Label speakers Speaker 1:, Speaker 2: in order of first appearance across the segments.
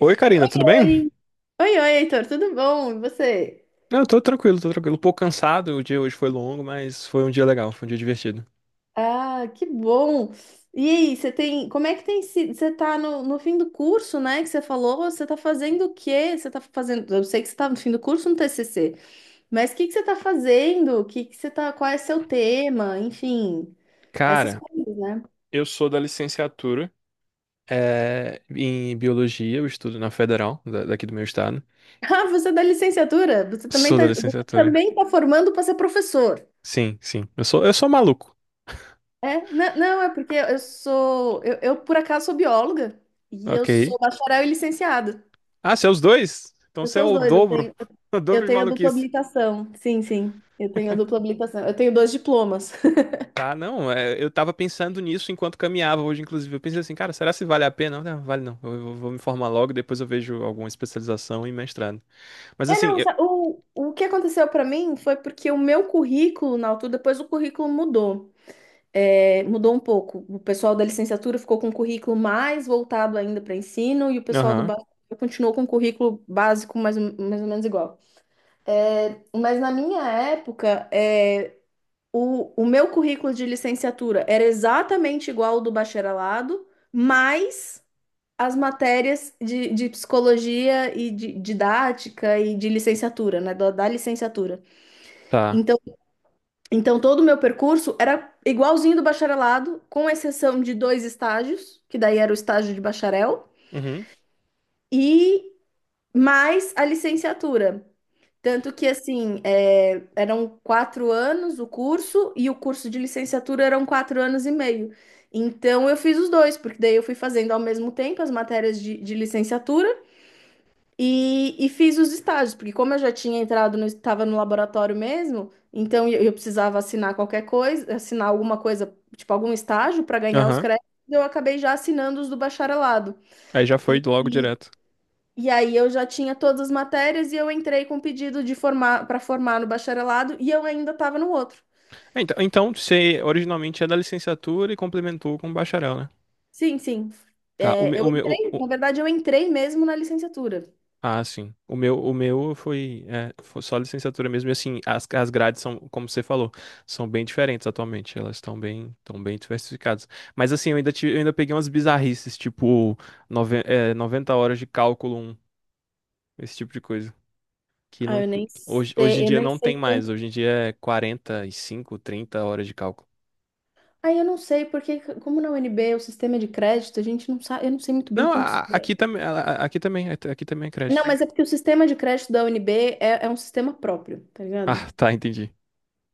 Speaker 1: Oi, Karina, tudo bem?
Speaker 2: Oi, oi, oi, Heitor, tudo bom? E você?
Speaker 1: Não, eu tô tranquilo, tô tranquilo. Um pouco cansado, o dia hoje foi longo, mas foi um dia legal, foi um dia divertido.
Speaker 2: Ah, que bom! E aí, como é que tem sido? Você tá no fim do curso, né, que você falou, você tá fazendo o quê? Eu sei que você tá no fim do curso no TCC, mas o que que você tá fazendo? O que que você tá, qual é seu tema? Enfim, essas
Speaker 1: Cara,
Speaker 2: coisas, né?
Speaker 1: eu sou da licenciatura em biologia, eu estudo na Federal, daqui do meu estado.
Speaker 2: Ah, você é da licenciatura?
Speaker 1: Sou da
Speaker 2: Você
Speaker 1: licenciatura.
Speaker 2: também tá formando para ser professor.
Speaker 1: Sim, sim. Eu sou maluco.
Speaker 2: É, não, não, é porque eu sou, eu por acaso sou bióloga e eu
Speaker 1: Ok.
Speaker 2: sou bacharel e licenciada.
Speaker 1: Ah, você é os dois? Então
Speaker 2: Eu
Speaker 1: você é
Speaker 2: sou os
Speaker 1: o
Speaker 2: dois, eu
Speaker 1: dobro.
Speaker 2: tenho,
Speaker 1: O
Speaker 2: eu
Speaker 1: dobro de
Speaker 2: tenho a dupla
Speaker 1: maluquice.
Speaker 2: habilitação. Sim, sim, eu tenho a dupla habilitação. Eu tenho dois diplomas.
Speaker 1: Tá, não, eu tava pensando nisso enquanto caminhava hoje, inclusive. Eu pensei assim, cara, será se vale a pena? Não, vale não. Eu vou me formar logo, depois eu vejo alguma especialização e mestrado. Mas
Speaker 2: É,
Speaker 1: assim,
Speaker 2: não,
Speaker 1: eu,
Speaker 2: o que aconteceu para mim foi porque o meu currículo, na altura, depois o currículo mudou. É, mudou um pouco. O pessoal da licenciatura ficou com um currículo mais voltado ainda para ensino e o pessoal do
Speaker 1: Aham,
Speaker 2: básico continuou com um currículo básico mais ou menos igual. É, mas na minha época, o meu currículo de licenciatura era exatamente igual ao do bacharelado, mas as matérias de psicologia e de didática e de licenciatura, né? Da licenciatura.
Speaker 1: tá.
Speaker 2: Então, então, todo o meu percurso era igualzinho do bacharelado, com exceção de dois estágios, que daí era o estágio de bacharel,
Speaker 1: Uhum,
Speaker 2: e mais a licenciatura. Tanto que, assim, eram 4 anos o curso e o curso de licenciatura eram 4 anos e meio. Então, eu fiz os dois, porque daí eu fui fazendo ao mesmo tempo as matérias de licenciatura e fiz os estágios, porque como eu já tinha entrado, estava no laboratório mesmo, então eu precisava assinar qualquer coisa, assinar alguma coisa, tipo algum estágio para ganhar os
Speaker 1: aham.
Speaker 2: créditos, eu acabei já assinando os do bacharelado.
Speaker 1: Aí já foi
Speaker 2: E,
Speaker 1: logo direto.
Speaker 2: e aí eu já tinha todas as matérias e eu entrei com pedido de formar para formar no bacharelado e eu ainda estava no outro.
Speaker 1: É, então, você originalmente é da licenciatura e complementou com bacharel, né?
Speaker 2: Sim, sim.
Speaker 1: Tá, o
Speaker 2: É,
Speaker 1: meu,
Speaker 2: eu
Speaker 1: o meu,
Speaker 2: entrei,
Speaker 1: o-
Speaker 2: na verdade, eu entrei mesmo na licenciatura.
Speaker 1: ah, sim. O meu foi só licenciatura mesmo. E assim, as grades são, como você falou, são bem diferentes atualmente. Elas estão bem diversificadas. Mas assim, eu ainda peguei umas bizarrices, tipo, 90 horas de cálculo 1, esse tipo de coisa. Que
Speaker 2: Ah,
Speaker 1: não, Hoje em
Speaker 2: eu
Speaker 1: dia
Speaker 2: nem
Speaker 1: não tem
Speaker 2: sei
Speaker 1: mais.
Speaker 2: quanto.
Speaker 1: Hoje em dia é 45, 30 horas de cálculo.
Speaker 2: Ah, eu não sei, porque como na UNB o sistema de crédito, a gente não sabe, eu não sei muito bem
Speaker 1: Não,
Speaker 2: quantos.
Speaker 1: aqui também, aqui também, aqui também é
Speaker 2: Não,
Speaker 1: crédito.
Speaker 2: mas é porque o sistema de crédito da UNB é um sistema próprio, tá ligado?
Speaker 1: Ah, tá, entendi.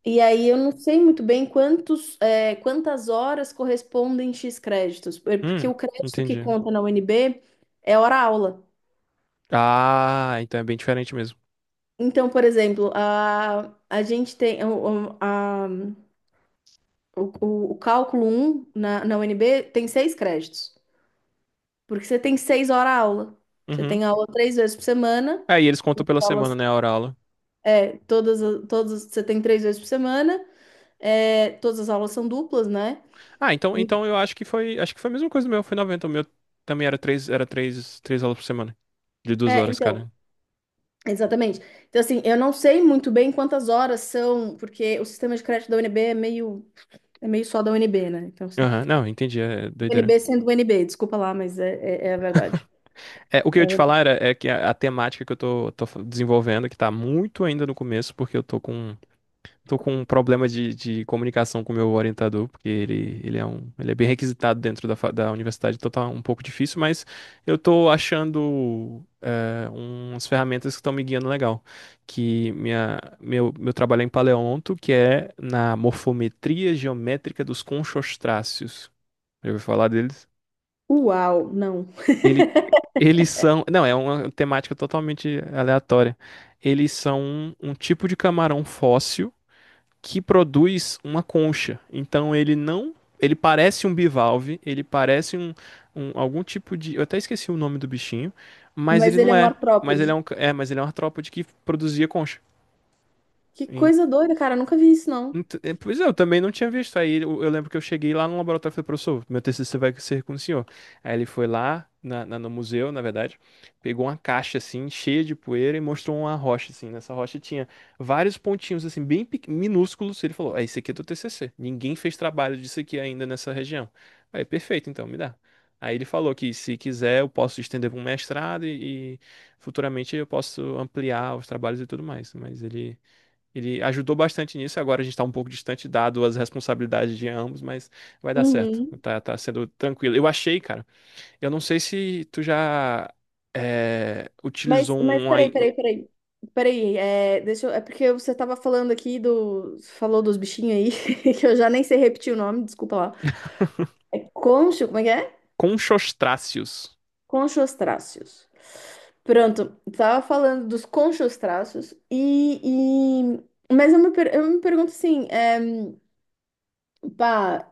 Speaker 2: E aí eu não sei muito bem quantos, quantas horas correspondem X créditos, porque
Speaker 1: Hum,
Speaker 2: o crédito que
Speaker 1: entendi.
Speaker 2: conta na UNB é hora-aula.
Speaker 1: Ah, então é bem diferente mesmo.
Speaker 2: Então, por exemplo, a gente tem o cálculo um na UNB tem seis créditos, porque você tem 6 horas-aula. Você
Speaker 1: Uhum.
Speaker 2: tem aula três vezes por semana,
Speaker 1: Aí eles contam pela semana,
Speaker 2: aulas,
Speaker 1: né, a hora aula.
Speaker 2: é, todas, as- todas, você tem três vezes por semana, todas as aulas são duplas, né?
Speaker 1: Ah, então eu acho que foi a mesma coisa do meu, foi 90 o meu também era três aulas por semana, de duas
Speaker 2: É,
Speaker 1: horas,
Speaker 2: então,
Speaker 1: cara.
Speaker 2: exatamente. Então, assim, eu não sei muito bem quantas horas são, porque o sistema de crédito da UNB é meio só da UNB, né? Então, assim,
Speaker 1: Aham, não, entendi, é doideira.
Speaker 2: UNB sendo UNB, desculpa lá, mas é, é a verdade.
Speaker 1: É, o que
Speaker 2: É
Speaker 1: eu ia te
Speaker 2: o-
Speaker 1: falar era, é que a temática que eu tô desenvolvendo, que tá muito ainda no começo, porque eu tô com um problema de comunicação com o meu orientador, porque ele é bem requisitado dentro da, da universidade, então tá um pouco difícil, mas eu tô achando umas ferramentas que estão me guiando legal. Que meu trabalho é em paleonto, que é na morfometria geométrica dos conchostráceos. Já ouviu falar deles?
Speaker 2: Uau, não.
Speaker 1: Ele, eles são. Não, é uma temática totalmente aleatória. Eles são um tipo de camarão fóssil que produz uma concha. Então ele não. Ele parece um bivalve, ele parece um, algum tipo de. Eu até esqueci o nome do bichinho, mas
Speaker 2: Mas
Speaker 1: ele
Speaker 2: ele
Speaker 1: não
Speaker 2: é um
Speaker 1: é. Mas ele é
Speaker 2: artrópode.
Speaker 1: um, ca- é, mas ele é um artrópode que produzia concha.
Speaker 2: Que coisa doida, cara, eu nunca vi isso, não.
Speaker 1: Pois é, eu também não tinha visto. Aí eu lembro que eu cheguei lá no laboratório e falei, professor, meu TCC vai ser com o senhor. Aí ele foi lá na, no museu, na verdade, pegou uma caixa assim, cheia de poeira e mostrou uma rocha assim. Nessa rocha tinha vários pontinhos assim, minúsculos. Ele falou, ah, esse aqui é do TCC. Ninguém fez trabalho disso aqui ainda nessa região. Aí, perfeito, então, me dá. Aí ele falou que se quiser eu posso estender para um mestrado e futuramente eu posso ampliar os trabalhos e tudo mais. Ele ajudou bastante nisso. Agora a gente está um pouco distante, dado as responsabilidades de ambos, mas vai dar certo.
Speaker 2: Uhum.
Speaker 1: Tá, sendo tranquilo. Eu achei, cara. Eu não sei se tu já
Speaker 2: Mas,
Speaker 1: utilizou
Speaker 2: mas
Speaker 1: um
Speaker 2: peraí,
Speaker 1: aí.
Speaker 2: peraí, peraí. Peraí, deixa eu, porque você tava falando aqui do, falou dos bichinhos aí, que eu já nem sei repetir o nome, desculpa lá. É concho, como é que é?
Speaker 1: Conchostráceos.
Speaker 2: Conchostráceos. Pronto, estava falando dos conchostráceos. Mas eu me, pergunto assim, pá,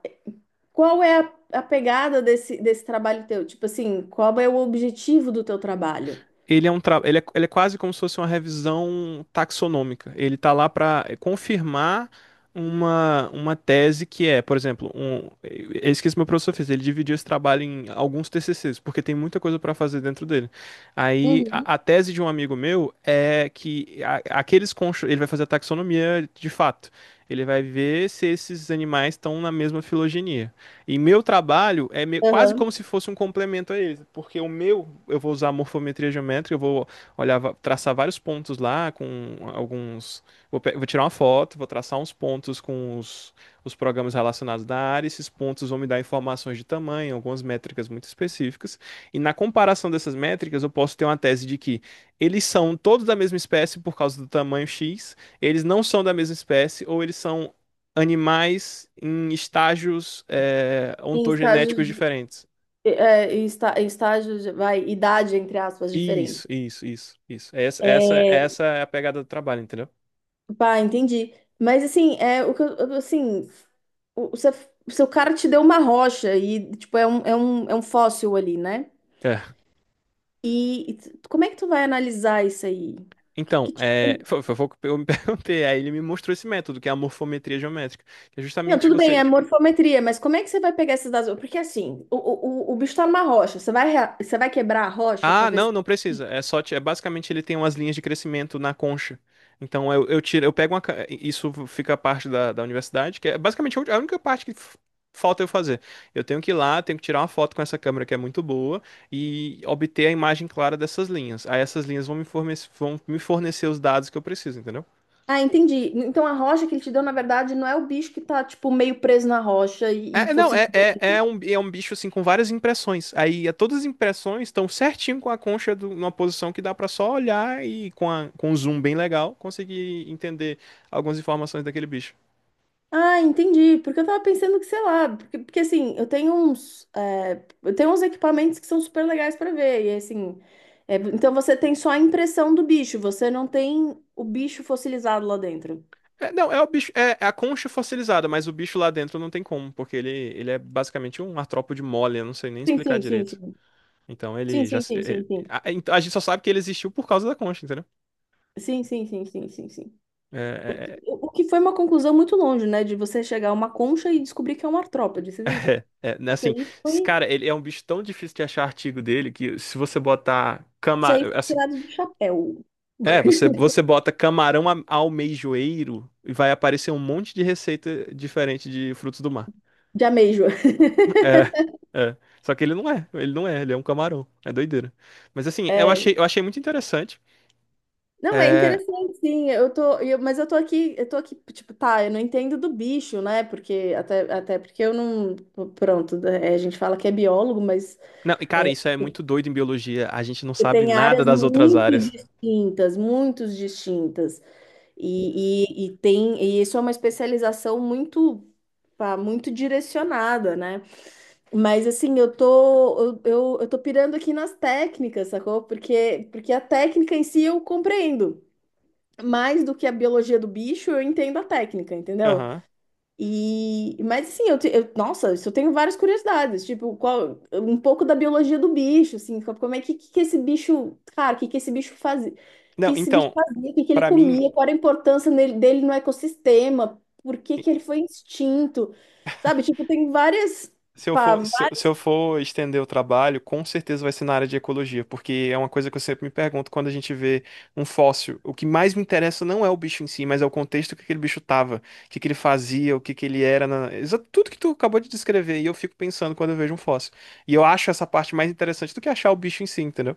Speaker 2: qual é a pegada desse trabalho teu? Tipo assim, qual é o objetivo do teu trabalho?
Speaker 1: Ele é um tra... ele é quase como se fosse uma revisão taxonômica. Ele está lá para confirmar uma tese que é, por exemplo, é isso que esse meu professor fez. Ele dividiu esse trabalho em alguns TCCs, porque tem muita coisa para fazer dentro dele. Aí
Speaker 2: Uhum.
Speaker 1: a tese de um amigo meu é que ele vai fazer a taxonomia de fato. Ele vai ver se esses animais estão na mesma filogenia. E meu trabalho é quase
Speaker 2: Aham.
Speaker 1: como se fosse um complemento a eles, porque o meu, eu vou usar morfometria geométrica, eu vou olhar, traçar vários pontos lá com alguns. Vou tirar uma foto, vou traçar uns pontos com os programas relacionados da área, esses pontos vão me dar informações de tamanho, algumas métricas muito específicas, e na comparação dessas métricas, eu posso ter uma tese de que eles são todos da mesma espécie por causa do tamanho X, eles não são da mesma espécie, ou eles são animais em estágios
Speaker 2: Em estágios,
Speaker 1: ontogenéticos diferentes.
Speaker 2: em estágios, vai, idade, entre aspas, diferente.
Speaker 1: Isso, isso, isso, isso. Essa, essa,
Speaker 2: É,
Speaker 1: essa é a pegada do trabalho, entendeu?
Speaker 2: pá, entendi. Mas assim, é o que assim, o, o seu o seu cara te deu uma rocha e tipo é um fóssil ali, né?
Speaker 1: É.
Speaker 2: E como é que tu vai analisar isso aí?
Speaker 1: Então,
Speaker 2: Que
Speaker 1: é,
Speaker 2: tipo-
Speaker 1: foi, foi, foi o que eu me perguntei. Aí ele me mostrou esse método, que é a morfometria geométrica, que é
Speaker 2: Não,
Speaker 1: justamente
Speaker 2: tudo bem,
Speaker 1: você.
Speaker 2: é morfometria, mas como é que você vai pegar esses dados? Porque assim, o bicho tá numa rocha, você vai quebrar a rocha pra
Speaker 1: Ah,
Speaker 2: ver se...
Speaker 1: não, não precisa. É só, é basicamente ele tem umas linhas de crescimento na concha. Então eu pego uma, isso fica parte da universidade, que é basicamente a única parte que falta eu fazer. Eu tenho que ir lá, tenho que tirar uma foto com essa câmera que é muito boa e obter a imagem clara dessas linhas. Aí essas linhas vão me fornecer os dados que eu preciso, entendeu?
Speaker 2: Ah, entendi. Então a rocha que ele te deu, na verdade, não é o bicho que tá, tipo, meio preso na rocha e,
Speaker 1: É,
Speaker 2: e
Speaker 1: não, é,
Speaker 2: fossilizou.
Speaker 1: é, é um bicho assim com várias impressões. Aí é, todas as impressões estão certinho com a concha numa posição que dá pra só olhar e com um zoom bem legal conseguir entender algumas informações daquele bicho.
Speaker 2: Ah, entendi. Porque eu tava pensando que, sei lá, porque assim, eu tenho uns equipamentos que são super legais pra ver. E assim, então você tem só a impressão do bicho, você não tem o bicho fossilizado lá dentro.
Speaker 1: É, não, é o bicho, é a concha fossilizada, mas o bicho lá dentro não tem como, porque ele é basicamente um artrópode mole, eu não sei nem
Speaker 2: Sim,
Speaker 1: explicar
Speaker 2: sim, sim,
Speaker 1: direito.
Speaker 2: sim.
Speaker 1: Então
Speaker 2: Sim,
Speaker 1: ele já.
Speaker 2: sim,
Speaker 1: Se-
Speaker 2: sim, sim,
Speaker 1: ele-
Speaker 2: sim.
Speaker 1: a, A gente só sabe que ele existiu por causa da concha, entendeu?
Speaker 2: Sim, sim, sim, sim, sim, sim.
Speaker 1: É, é, é,
Speaker 2: O que foi uma conclusão muito longe, né? De você chegar a uma concha e descobrir que é um artrópode. Isso isso
Speaker 1: É, né, assim,
Speaker 2: aí
Speaker 1: esse
Speaker 2: foi,
Speaker 1: cara, ele é um bicho tão difícil de achar artigo dele que se você botar
Speaker 2: isso aí foi
Speaker 1: assim,
Speaker 2: tirado do chapéu.
Speaker 1: você você bota camarão almeijoeiro e vai aparecer um monte de receita diferente de frutos do mar.
Speaker 2: De ameijo.
Speaker 1: É, é. Só que ele não é, ele não é, ele é um camarão. É doideira. Mas assim, eu
Speaker 2: É.
Speaker 1: achei, eu achei muito interessante.
Speaker 2: Não, é
Speaker 1: É,
Speaker 2: interessante, sim. Eu tô, mas eu tô aqui, tipo, tá, eu não entendo do bicho, né? Porque até porque eu não, pronto, a gente fala que é biólogo, mas
Speaker 1: não, e cara,
Speaker 2: é,
Speaker 1: isso é muito doido em biologia. A gente não
Speaker 2: você
Speaker 1: sabe
Speaker 2: tem
Speaker 1: nada
Speaker 2: áreas
Speaker 1: das outras
Speaker 2: muito
Speaker 1: áreas.
Speaker 2: distintas, muito distintas. E isso é uma especialização muito, pá, muito direcionada, né? Mas assim, eu tô pirando aqui nas técnicas, sacou? Porque a técnica em si eu compreendo mais do que a biologia do bicho. Eu entendo a técnica, entendeu?
Speaker 1: Aham.
Speaker 2: E mas assim, nossa, isso eu tenho várias curiosidades, tipo, qual um pouco da biologia do bicho, assim, como é que que esse bicho, cara, que esse bicho fazia?
Speaker 1: Não,
Speaker 2: Que esse bicho
Speaker 1: então,
Speaker 2: fazia, o que que ele
Speaker 1: pra mim.
Speaker 2: comia, qual era a importância dele no ecossistema, por que que ele foi extinto? Sabe, tipo, tem
Speaker 1: Se eu
Speaker 2: pá,
Speaker 1: for, se eu, se eu
Speaker 2: várias-
Speaker 1: for estender o trabalho, com certeza vai ser na área de ecologia, porque é uma coisa que eu sempre me pergunto quando a gente vê um fóssil. O que mais me interessa não é o bicho em si, mas é o contexto que aquele bicho tava, o que que ele fazia, o que que ele era, tudo que tu acabou de descrever. E eu fico pensando quando eu vejo um fóssil. E eu acho essa parte mais interessante do que achar o bicho em si, entendeu?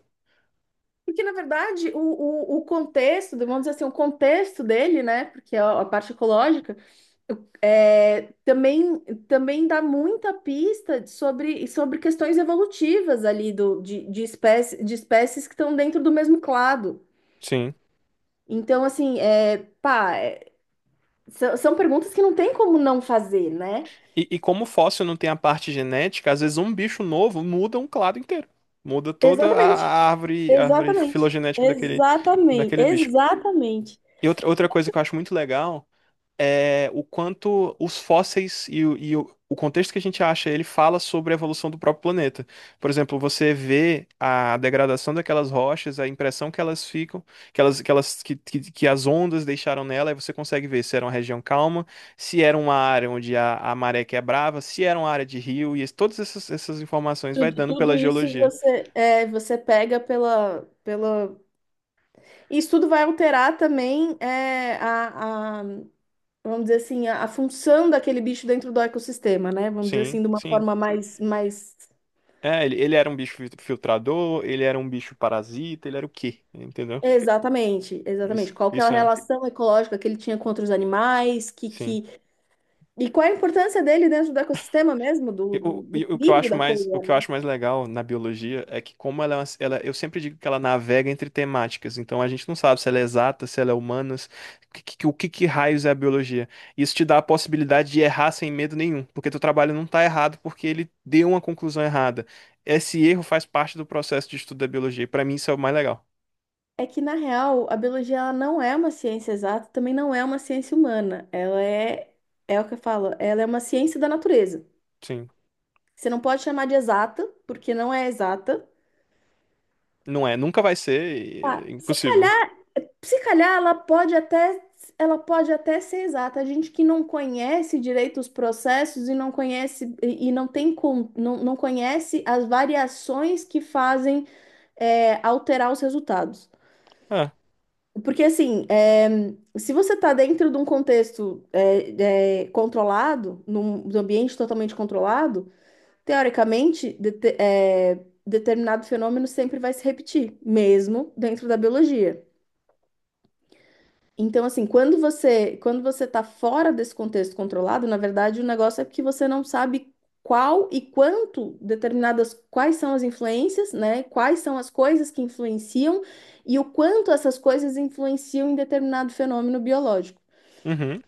Speaker 2: porque na verdade o contexto, vamos dizer assim, o contexto dele, né? Porque é a parte ecológica. É, também dá muita pista sobre questões evolutivas ali do, de, espécie, de espécies que estão dentro do mesmo clado.
Speaker 1: Sim.
Speaker 2: Então, assim, pá, são perguntas que não tem como não fazer, né?
Speaker 1: E como o fóssil não tem a parte genética, às vezes um bicho novo muda um clado inteiro. Muda toda a
Speaker 2: Exatamente,
Speaker 1: a árvore, a árvore
Speaker 2: exatamente,
Speaker 1: filogenética daquele,
Speaker 2: exatamente,
Speaker 1: daquele bicho.
Speaker 2: exatamente.
Speaker 1: E outra coisa que eu acho muito legal o quanto os fósseis e o contexto que a gente acha, ele fala sobre a evolução do próprio planeta. Por exemplo, você vê a degradação daquelas rochas, a impressão que elas ficam, que elas, que elas, que as ondas deixaram nela, e você consegue ver se era uma região calma, se era uma área onde a maré quebrava, se era uma área de rio, e todas essas informações vai
Speaker 2: Tudo,
Speaker 1: dando
Speaker 2: tudo
Speaker 1: pela
Speaker 2: isso
Speaker 1: geologia.
Speaker 2: você, pega pela, pela. Isso tudo vai alterar também vamos dizer assim, a função daquele bicho dentro do ecossistema, né? Vamos dizer assim,
Speaker 1: Sim,
Speaker 2: de uma
Speaker 1: sim.
Speaker 2: forma mais, mais.
Speaker 1: É, ele era um bicho filtrador, ele era um bicho parasita, ele era o quê? Entendeu?
Speaker 2: Exatamente, exatamente.
Speaker 1: Isso,
Speaker 2: Qual que é a
Speaker 1: isso é,
Speaker 2: relação ecológica que ele tinha com outros animais, que,
Speaker 1: sim.
Speaker 2: que... E qual é a importância dele dentro do ecossistema mesmo, do,
Speaker 1: E
Speaker 2: do,
Speaker 1: O,
Speaker 2: do
Speaker 1: e o que eu
Speaker 2: equilíbrio
Speaker 1: acho
Speaker 2: da coisa.
Speaker 1: mais, o que eu acho mais legal na biologia é que como ela, ela, eu sempre digo que ela navega entre temáticas, então a gente não sabe se ela é exata, se ela é humanas, o que, que raios é a biologia. Isso te dá a possibilidade de errar sem medo nenhum, porque teu trabalho não tá errado porque ele deu uma conclusão errada. Esse erro faz parte do processo de estudo da biologia, e para mim isso é o mais legal.
Speaker 2: É que, na real, a biologia ela não é uma ciência exata, também não é uma ciência humana. Ela é, é o que eu falo, ela é uma ciência da natureza.
Speaker 1: Sim,
Speaker 2: Você não pode chamar de exata, porque não é exata.
Speaker 1: não é, nunca vai ser,
Speaker 2: Ah,
Speaker 1: e é
Speaker 2: se
Speaker 1: impossível.
Speaker 2: calhar Se calhar ela pode até ser exata. A gente que não conhece direito os processos e não conhece e não tem com, não, não conhece as variações que fazem alterar os resultados.
Speaker 1: Ah,
Speaker 2: Porque assim, se você está dentro de um contexto controlado, num ambiente totalmente controlado, teoricamente determinado fenômeno sempre vai se repetir, mesmo dentro da biologia. Então, assim, quando você está fora desse contexto controlado, na verdade, o negócio é que você não sabe qual e quanto determinadas quais são as influências, né? Quais são as coisas que influenciam e o quanto essas coisas influenciam em determinado fenômeno biológico.
Speaker 1: uhum,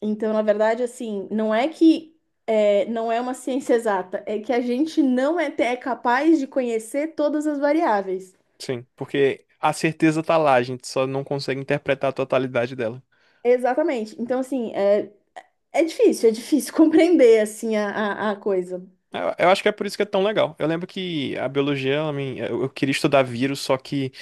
Speaker 2: Então, na verdade, assim, não é que é, não é uma ciência exata, é que a gente não é capaz de conhecer todas as variáveis.
Speaker 1: sim, porque a certeza tá lá, a gente só não consegue interpretar a totalidade dela.
Speaker 2: Exatamente. Então, assim, é difícil compreender assim a coisa.
Speaker 1: Eu acho que é por isso que é tão legal. Eu lembro que a biologia, eu queria estudar vírus, só que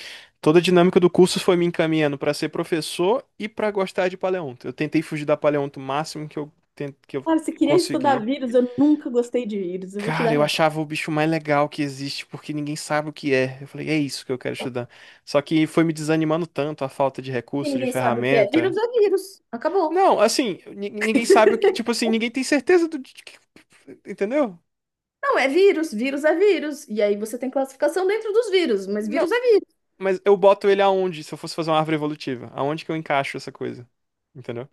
Speaker 1: toda a dinâmica do curso foi me encaminhando para ser professor e para gostar de paleonto. Eu tentei fugir da paleonto o máximo que que eu
Speaker 2: Cara, você queria
Speaker 1: consegui.
Speaker 2: estudar vírus, eu nunca gostei de vírus, eu vou te
Speaker 1: Cara,
Speaker 2: dar
Speaker 1: eu
Speaker 2: real.
Speaker 1: achava o bicho mais legal que existe, porque ninguém sabe o que é. Eu falei, é isso que eu quero estudar. Só que foi me desanimando tanto a falta de recurso, de
Speaker 2: Ninguém sabe o que é. Vírus
Speaker 1: ferramenta.
Speaker 2: é vírus. Acabou.
Speaker 1: Não, assim, ninguém sabe o que, tipo assim, ninguém tem certeza do, entendeu?
Speaker 2: Não, é vírus. Vírus é vírus. E aí você tem classificação dentro dos vírus, mas
Speaker 1: Não.
Speaker 2: vírus é vírus.
Speaker 1: Mas eu boto ele aonde, se eu fosse fazer uma árvore evolutiva? Aonde que eu encaixo essa coisa? Entendeu?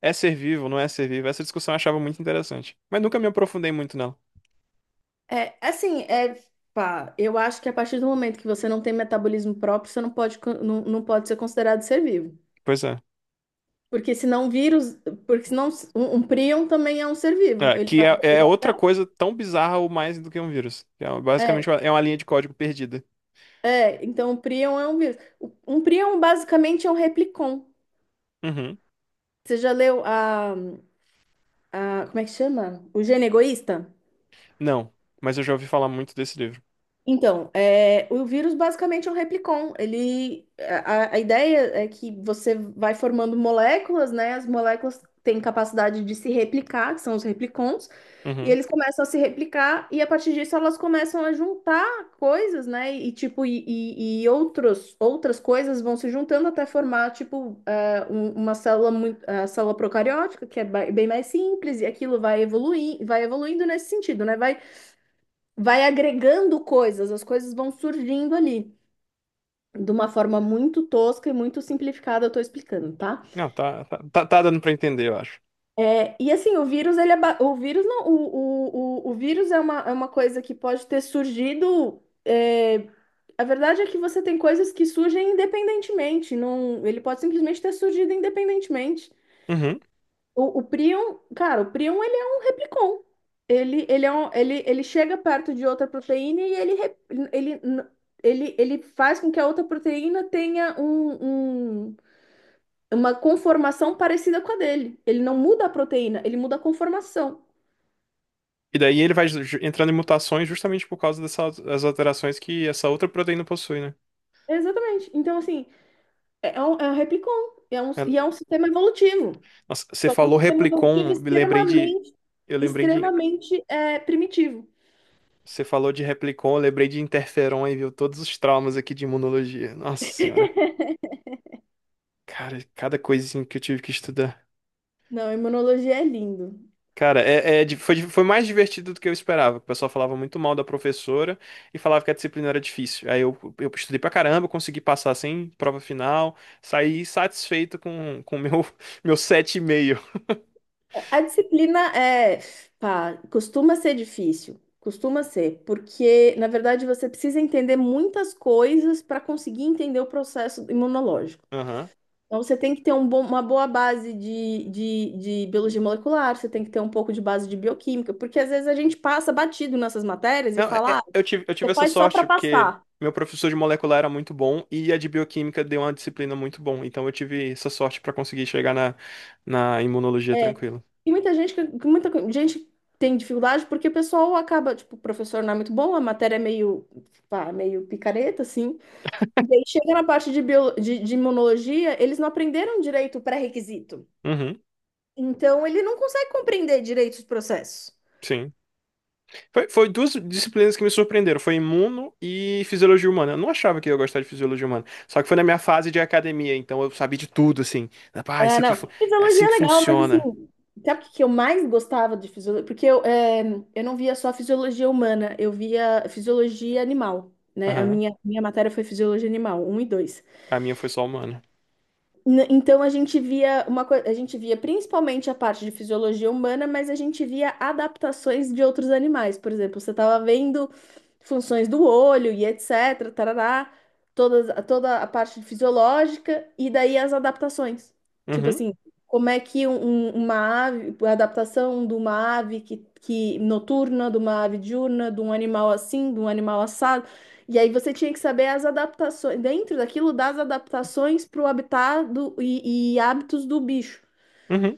Speaker 1: É ser vivo, não é ser vivo? Essa discussão eu achava muito interessante. Mas nunca me aprofundei muito nela.
Speaker 2: É, é assim, é. Pá, eu acho que a partir do momento que você não tem metabolismo próprio, você não pode, não, não pode ser considerado ser vivo.
Speaker 1: Pois é.
Speaker 2: Porque senão vírus, porque senão um prion também é um ser vivo.
Speaker 1: É,
Speaker 2: Ele
Speaker 1: que
Speaker 2: faz,
Speaker 1: é, é
Speaker 2: ele
Speaker 1: outra coisa tão bizarra ou mais do que um vírus. É, basicamente
Speaker 2: até-
Speaker 1: é uma linha de código perdida.
Speaker 2: é, então o prion é um vírus. Um prion basicamente é um replicon.
Speaker 1: Uhum.
Speaker 2: Você já leu a como é que chama? O gene egoísta?
Speaker 1: Não, mas eu já ouvi falar muito desse livro.
Speaker 2: Então, o vírus basicamente é um replicon. A ideia é que você vai formando moléculas, né? As moléculas têm capacidade de se replicar, que são os replicons, e
Speaker 1: Uhum.
Speaker 2: eles começam a se replicar, e a partir disso elas começam a juntar coisas, né? E tipo, e outras coisas vão se juntando até formar, tipo, uma célula muito, a célula procariótica, que é bem mais simples, e aquilo vai evoluir, vai evoluindo nesse sentido, né? Vai agregando coisas, as coisas vão surgindo ali. De uma forma muito tosca e muito simplificada, eu tô explicando, tá?
Speaker 1: Não, tá dando pra entender, eu acho.
Speaker 2: É, e assim, o vírus, ele é o vírus não, o vírus é uma coisa que pode ter surgido. A verdade é que você tem coisas que surgem independentemente, não, ele pode simplesmente ter surgido independentemente.
Speaker 1: Uhum.
Speaker 2: O prion, cara, o prion ele é um replicon. Ele, é um, ele chega perto de outra proteína e ele, rep- ele, n- ele faz com que a outra proteína tenha um, um- uma conformação parecida com a dele. Ele não muda a proteína, ele muda a conformação.
Speaker 1: E daí ele vai entrando em mutações justamente por causa dessas as alterações que essa outra proteína possui, né?
Speaker 2: Exatamente. Então, assim, é um replicon. É um,
Speaker 1: É.
Speaker 2: e é um sistema evolutivo.
Speaker 1: Nossa, você
Speaker 2: Só que é um
Speaker 1: falou
Speaker 2: sistema evolutivo
Speaker 1: Replicon, me lembrei de.
Speaker 2: extremamente,
Speaker 1: Eu lembrei de.
Speaker 2: primitivo.
Speaker 1: Você falou de Replicon, eu lembrei de Interferon e viu todos os traumas aqui de imunologia. Nossa senhora. Cara, cada coisinha que eu tive que estudar.
Speaker 2: Não, imunologia é lindo.
Speaker 1: Cara, foi mais divertido do que eu esperava. O pessoal falava muito mal da professora e falava que a disciplina era difícil. Aí eu estudei pra caramba, consegui passar sem prova final, saí satisfeito com o meu 7,5. Meio.
Speaker 2: A disciplina pá, costuma ser difícil, costuma ser, porque na verdade você precisa entender muitas coisas para conseguir entender o processo imunológico. Então você tem que ter um uma boa base de biologia molecular, você tem que ter um pouco de base de bioquímica, porque às vezes a gente passa batido nessas matérias e
Speaker 1: Não,
Speaker 2: fala, ah,
Speaker 1: eu tive
Speaker 2: você
Speaker 1: essa
Speaker 2: faz só para
Speaker 1: sorte, porque
Speaker 2: passar.
Speaker 1: meu professor de molecular era muito bom e a de bioquímica deu uma disciplina muito bom. Então eu tive essa sorte pra conseguir chegar na, na imunologia
Speaker 2: É,
Speaker 1: tranquilo.
Speaker 2: e muita gente, tem dificuldade porque o pessoal acaba, tipo, o professor não é muito bom, a matéria é meio, pá, meio picareta, assim. E aí chega na parte de imunologia, eles não aprenderam direito o pré-requisito.
Speaker 1: Uhum,
Speaker 2: Então, ele não consegue compreender direito os processos.
Speaker 1: sim. Foi duas disciplinas que me surpreenderam. Foi imuno e fisiologia humana. Eu não achava que eu ia gostar de fisiologia humana. Só que foi na minha fase de academia, então eu sabia de tudo, assim. Ah,
Speaker 2: Ah, não.
Speaker 1: é
Speaker 2: Fisiologia
Speaker 1: assim
Speaker 2: é
Speaker 1: que
Speaker 2: legal, mas assim,
Speaker 1: funciona.
Speaker 2: sabe o que que eu mais gostava de fisiologia? Porque eu não via só fisiologia humana, eu via fisiologia animal, né? A
Speaker 1: Aham.
Speaker 2: minha, minha matéria foi fisiologia animal, um e dois.
Speaker 1: A minha foi só humana.
Speaker 2: Então a gente via uma coisa, a gente via principalmente a parte de fisiologia humana, mas a gente via adaptações de outros animais. Por exemplo, você estava vendo funções do olho e etc., tarará, toda a parte fisiológica e daí as adaptações. Tipo
Speaker 1: Uhum,
Speaker 2: assim, como é que uma ave, a adaptação de uma ave que noturna, de uma ave diurna, de um animal assim, de um animal assado. E aí você tinha que saber as adaptações, dentro daquilo, das adaptações para o habitat e hábitos do bicho.
Speaker 1: uhum.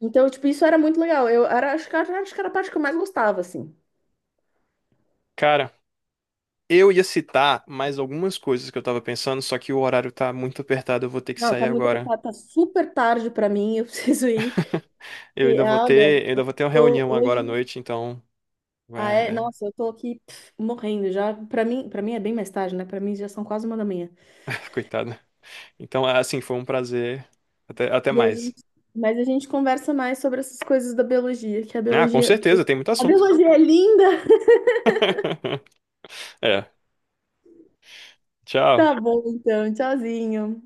Speaker 2: Então, tipo, isso era muito legal. Eu era, acho que, acho que era a parte que eu mais gostava, assim.
Speaker 1: Cara. Eu ia citar mais algumas coisas que eu tava pensando, só que o horário tá muito apertado, eu vou ter que
Speaker 2: Não,
Speaker 1: sair
Speaker 2: tá muito
Speaker 1: agora.
Speaker 2: apertado, tá super tarde para mim, eu preciso ir.
Speaker 1: Eu
Speaker 2: E,
Speaker 1: ainda vou
Speaker 2: ah, olha,
Speaker 1: ter uma
Speaker 2: tô
Speaker 1: reunião agora à
Speaker 2: hoje.
Speaker 1: noite, então,
Speaker 2: Ah,
Speaker 1: vai,
Speaker 2: é?
Speaker 1: é,
Speaker 2: Nossa, eu tô aqui pff, morrendo já. Para mim é bem mais tarde, né? Para mim já são quase 1 da manhã.
Speaker 1: coitado. Então, assim, foi um prazer. Até
Speaker 2: E a
Speaker 1: mais.
Speaker 2: gente, mas a gente conversa mais sobre essas coisas da biologia, que
Speaker 1: Ah, com certeza, tem muito
Speaker 2: a
Speaker 1: assunto.
Speaker 2: biologia é linda.
Speaker 1: É, tchau.
Speaker 2: Tá bom, então, tchauzinho.